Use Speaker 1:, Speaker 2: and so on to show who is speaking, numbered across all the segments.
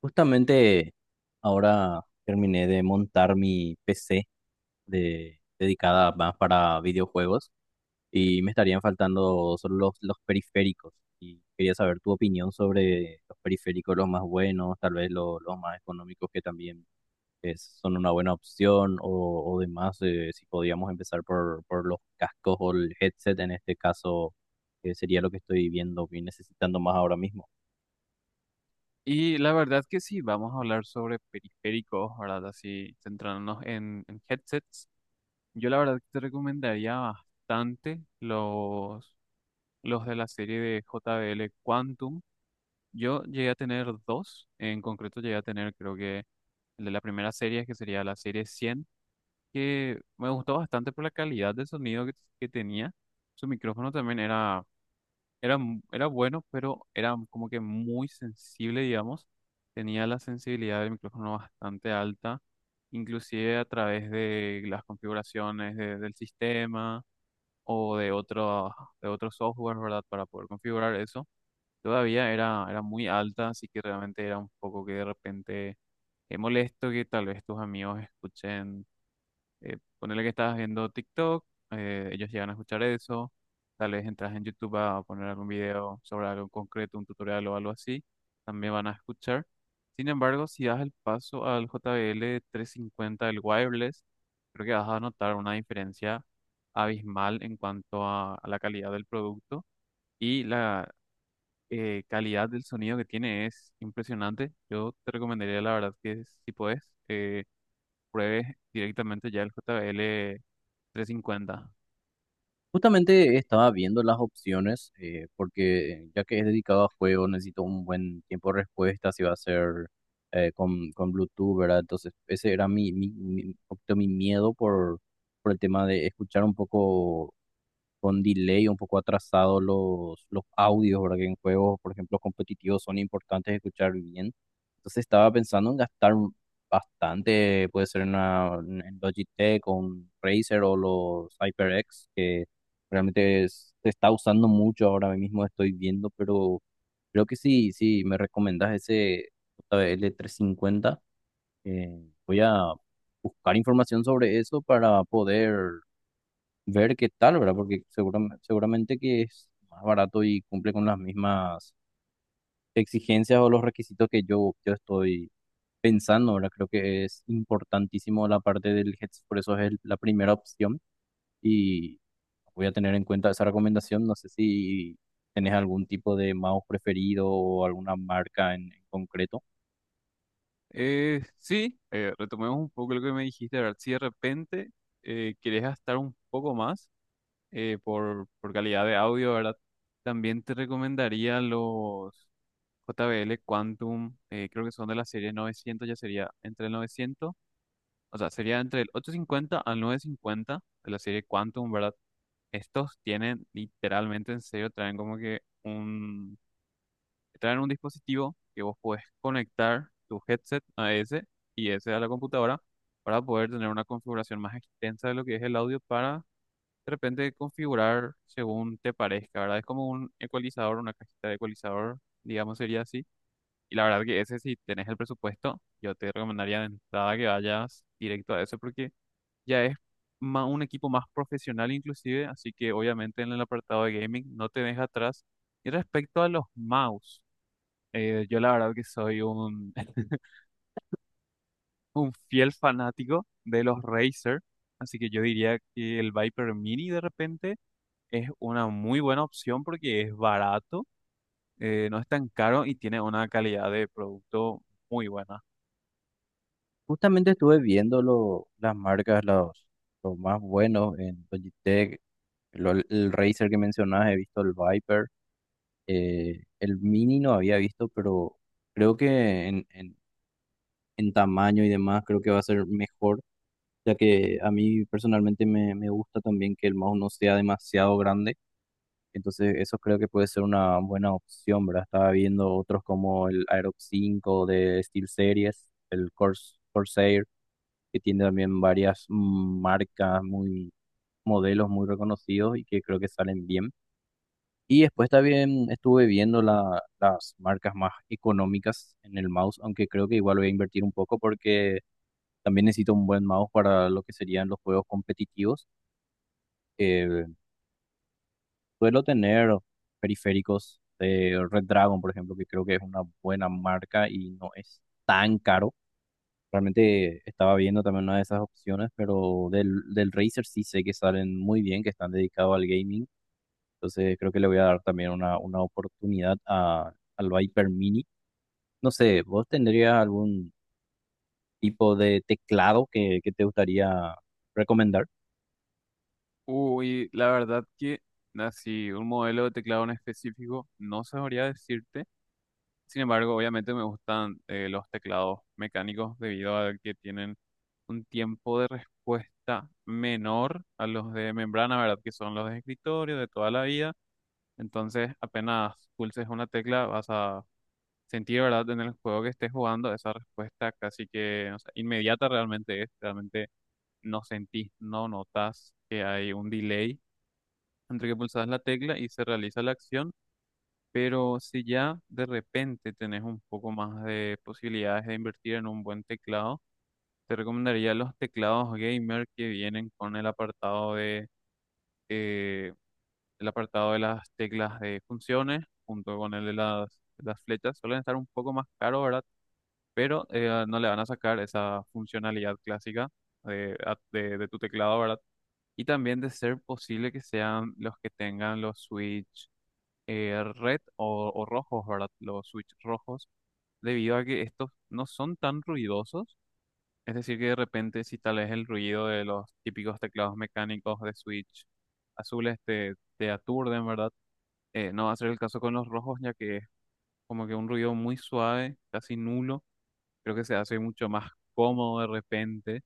Speaker 1: Justamente ahora terminé de montar mi PC dedicada más para videojuegos, y me estarían faltando solo los periféricos. Y quería saber tu opinión sobre los periféricos, los más buenos, tal vez los más económicos, que también son una buena opción o demás. Si podíamos empezar por los cascos o el headset en este caso, que sería lo que estoy viendo y necesitando más ahora mismo.
Speaker 2: Y la verdad que sí, vamos a hablar sobre periféricos, ¿verdad? Así centrándonos en headsets. Yo la verdad que te recomendaría bastante los de la serie de JBL Quantum. Yo llegué a tener dos, en concreto llegué a tener creo que el de la primera serie, que sería la serie 100, que me gustó bastante por la calidad de sonido que tenía. Su micrófono también era bueno, pero era como que muy sensible, digamos. Tenía la sensibilidad del micrófono bastante alta, inclusive a través de las configuraciones del sistema o de otros software, ¿verdad? Para poder configurar eso. Todavía era muy alta, así que realmente era un poco que de repente es molesto que tal vez tus amigos escuchen, ponele que estás viendo TikTok. Ellos llegan a escuchar eso. Tal vez entras en YouTube a poner algún video sobre algo en concreto, un tutorial o algo así, también van a escuchar. Sin embargo, si das el paso al JBL 50 el wireless, creo que vas a notar una diferencia abismal en cuanto a la calidad del producto y la calidad del sonido que tiene es impresionante. Yo te recomendaría, la verdad, que si puedes, eh, pruebes directamente ya el JBL 350.
Speaker 1: Justamente estaba viendo las opciones, porque ya que es dedicado a juego, necesito un buen tiempo de respuesta, si va a ser con Bluetooth, ¿verdad? Entonces, ese era un poquito mi miedo por el tema de escuchar un poco con delay, un poco atrasado los audios, ¿verdad? Que en juegos, por ejemplo, competitivos son importantes de escuchar bien. Entonces estaba pensando en gastar bastante, puede ser en Logitech o un Razer o los HyperX, que realmente se está usando mucho ahora mismo, estoy viendo, pero creo que sí, sí, me recomendás ese JBL350. Voy a buscar información sobre eso para poder ver qué tal, ¿verdad? Porque seguramente, seguramente que es más barato y cumple con las mismas exigencias o los requisitos que yo estoy pensando, ¿verdad? Creo que es importantísimo la parte del headset, por eso es la primera opción, y voy a tener en cuenta esa recomendación. No sé si tenés algún tipo de mouse preferido o alguna marca en concreto.
Speaker 2: Sí, retomemos un poco lo que me dijiste, a si de repente querés gastar un poco más, por calidad de audio, ¿verdad? También te recomendaría los JBL Quantum. Creo que son de la serie 900, ya sería entre el 900, o sea, sería entre el 850 al 950 de la serie Quantum, ¿verdad? Estos tienen literalmente, en serio, traen un dispositivo que vos podés conectar tu headset a ese, y ese a la computadora, para poder tener una configuración más extensa de lo que es el audio, para de repente configurar según te parezca, ¿verdad? Es como un ecualizador, una cajita de ecualizador, digamos sería así. Y la verdad que ese, si tenés el presupuesto, yo te recomendaría de entrada que vayas directo a eso, porque ya es un equipo más profesional inclusive, así que obviamente en el apartado de gaming no te deja atrás. Y respecto a los mouse, yo la verdad que soy un fiel fanático de los Racer, así que yo diría que el Viper Mini de repente es una muy buena opción porque es barato. No es tan caro y tiene una calidad de producto muy buena.
Speaker 1: Justamente estuve viendo las marcas, los más buenos en Logitech, el Razer que mencionabas, he visto el Viper. El mini no había visto, pero creo que en tamaño y demás creo que va a ser mejor, ya que a mí personalmente me gusta también que el mouse no sea demasiado grande. Entonces eso creo que puede ser una buena opción, ¿verdad? Estaba viendo otros como el Aerox 5 de SteelSeries, el Corsair, que tiene también varias marcas, muy modelos muy reconocidos y que creo que salen bien. Y después también estuve viendo las marcas más económicas en el mouse, aunque creo que igual voy a invertir un poco, porque también necesito un buen mouse para lo que serían los juegos competitivos. Eh, suelo tener periféricos de Red Dragon, por ejemplo, que creo que es una buena marca y no es tan caro. Realmente estaba viendo también una de esas opciones, pero del Razer sí sé que salen muy bien, que están dedicados al gaming. Entonces creo que le voy a dar también una oportunidad al Viper Mini. No sé, ¿vos tendrías algún tipo de teclado que te gustaría recomendar?
Speaker 2: Uy, la verdad que así, un modelo de teclado en específico, no sabría decirte. Sin embargo, obviamente me gustan, los teclados mecánicos debido a que tienen un tiempo de respuesta menor a los de membrana, ¿verdad? Que son los de escritorio de toda la vida. Entonces, apenas pulses una tecla, vas a sentir, ¿verdad? En el juego que estés jugando, esa respuesta casi que, o sea, inmediata realmente es. Realmente no sentís, no notas que hay un delay entre que pulsas la tecla y se realiza la acción. Pero si ya de repente tenés un poco más de posibilidades de invertir en un buen teclado, te recomendaría los teclados gamer que vienen con el apartado eh, de las teclas de funciones junto con el de las flechas. Suelen estar un poco más caros, ¿verdad? Pero, no le van a sacar esa funcionalidad clásica de, a- de de tu teclado, ¿verdad? Y también de ser posible que sean los que tengan los switch, red o rojos, ¿verdad? Los switch rojos, debido a que estos no son tan ruidosos. Es decir, que de repente si tal vez el ruido de los típicos teclados mecánicos de switch azules te aturden, ¿verdad? No va a ser el caso con los rojos, ya que es como que un ruido muy suave, casi nulo. Creo que se hace mucho más cómodo de repente,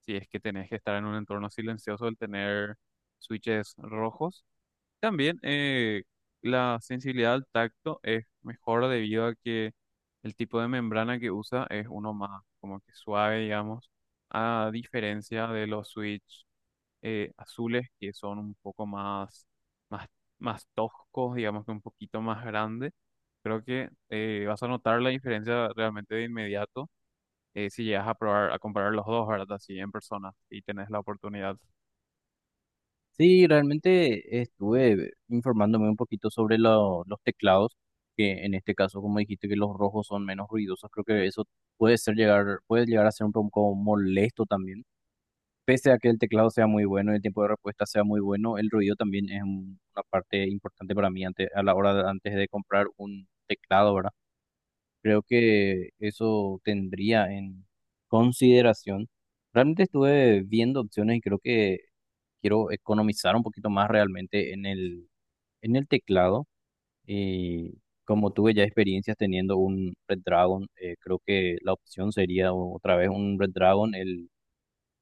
Speaker 2: si es que tenés que estar en un entorno silencioso, el tener switches rojos. También, la sensibilidad al tacto es mejor debido a que el tipo de membrana que usa es uno más como que suave, digamos, a diferencia de los Switch, azules, que son un poco más, más toscos, digamos, que un poquito más grande. Creo que, vas a notar la diferencia realmente de inmediato, si llegas a probar, a comparar los dos, ¿verdad? Así en persona y tenés la oportunidad.
Speaker 1: Sí, realmente estuve informándome un poquito sobre los teclados, que en este caso, como dijiste, que los rojos son menos ruidosos, creo que eso puede ser llegar, puede llegar a ser un poco molesto también. Pese a que el teclado sea muy bueno y el tiempo de respuesta sea muy bueno, el ruido también es una parte importante para mí a la hora antes de comprar un teclado, ¿verdad? Creo que eso tendría en consideración. Realmente estuve viendo opciones y creo que quiero economizar un poquito más realmente en el teclado. Y como tuve ya experiencias teniendo un Red Dragon, creo que la opción sería otra vez un Red Dragon, el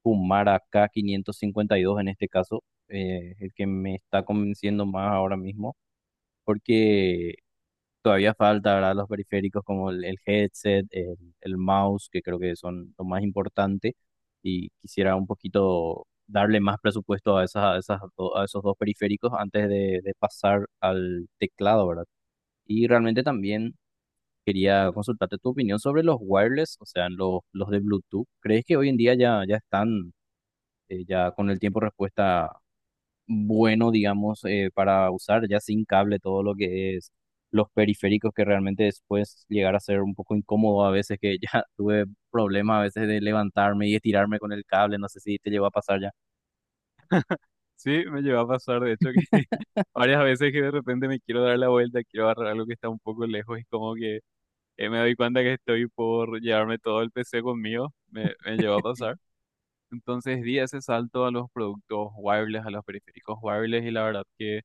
Speaker 1: Kumara k quinientos cincuenta y dos en este caso, El que me está convenciendo más ahora mismo, porque todavía falta, ¿verdad? Los periféricos como el headset, el mouse, que creo que son lo más importante. Y quisiera un poquito darle más presupuesto a esas, a esos dos periféricos antes de pasar al teclado, ¿verdad? Y realmente también quería consultarte tu opinión sobre los wireless, o sea, los de Bluetooth. ¿Crees que hoy en día ya están, ya con el tiempo respuesta bueno, digamos, para usar ya sin cable todo lo que es los periféricos, que realmente después llegar a ser un poco incómodo a veces, que ya tuve problemas a veces de levantarme y estirarme con el cable? No sé si te llegó a pasar ya.
Speaker 2: Sí, me llevó a pasar, de hecho, que varias veces que de repente me quiero dar la vuelta, quiero agarrar algo que está un poco lejos, y como que, me doy cuenta que estoy por llevarme todo el PC conmigo. Me llegó a pasar. Entonces di ese salto a los productos wireless, a los periféricos wireless, y la verdad que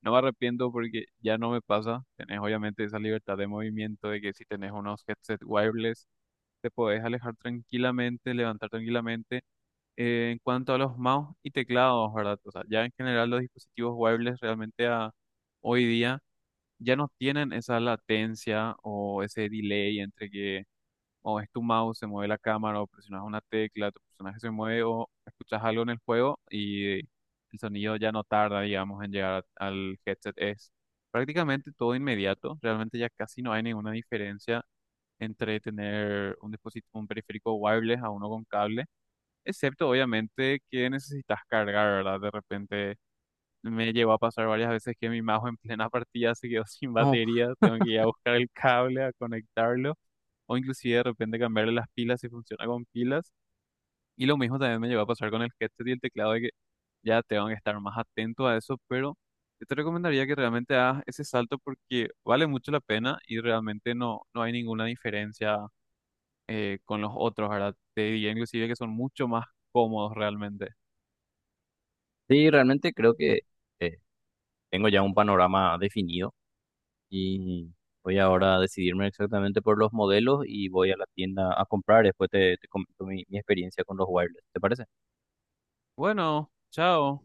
Speaker 2: no me arrepiento porque ya no me pasa. Tenés obviamente esa libertad de movimiento de que si tenés unos headset wireless te podés alejar tranquilamente, levantar tranquilamente. En cuanto a los mouse y teclados, ¿verdad? O sea, ya en general los dispositivos wireless, hoy día ya no tienen esa latencia o ese delay entre que, o es tu mouse, se mueve la cámara, o presionas una tecla, tu personaje se mueve, o escuchas algo en el juego y el sonido ya no tarda, digamos, en llegar al headset. Es prácticamente todo inmediato. Realmente ya casi no hay ninguna diferencia entre tener un dispositivo, un periférico wireless, a uno con cable, excepto obviamente que necesitas cargar, ¿verdad? De repente me llegó a pasar varias veces que mi mouse en plena partida se quedó sin
Speaker 1: No,
Speaker 2: batería, tengo que ir a buscar el cable a conectarlo, o inclusive de repente cambiarle las pilas si funciona con pilas. Y lo mismo también me llegó a pasar con el headset y el teclado, de que ya tengo que estar más atento a eso. Pero yo te recomendaría que realmente hagas ese salto porque vale mucho la pena, y realmente no hay ninguna diferencia, con los otros, ¿verdad? Te diría inclusive que son mucho más cómodos realmente.
Speaker 1: sí, realmente creo que eh, tengo ya un panorama definido, y voy ahora a decidirme exactamente por los modelos y voy a la tienda a comprar. Después te comento mi experiencia con los wireless, ¿te parece?
Speaker 2: Bueno, chao.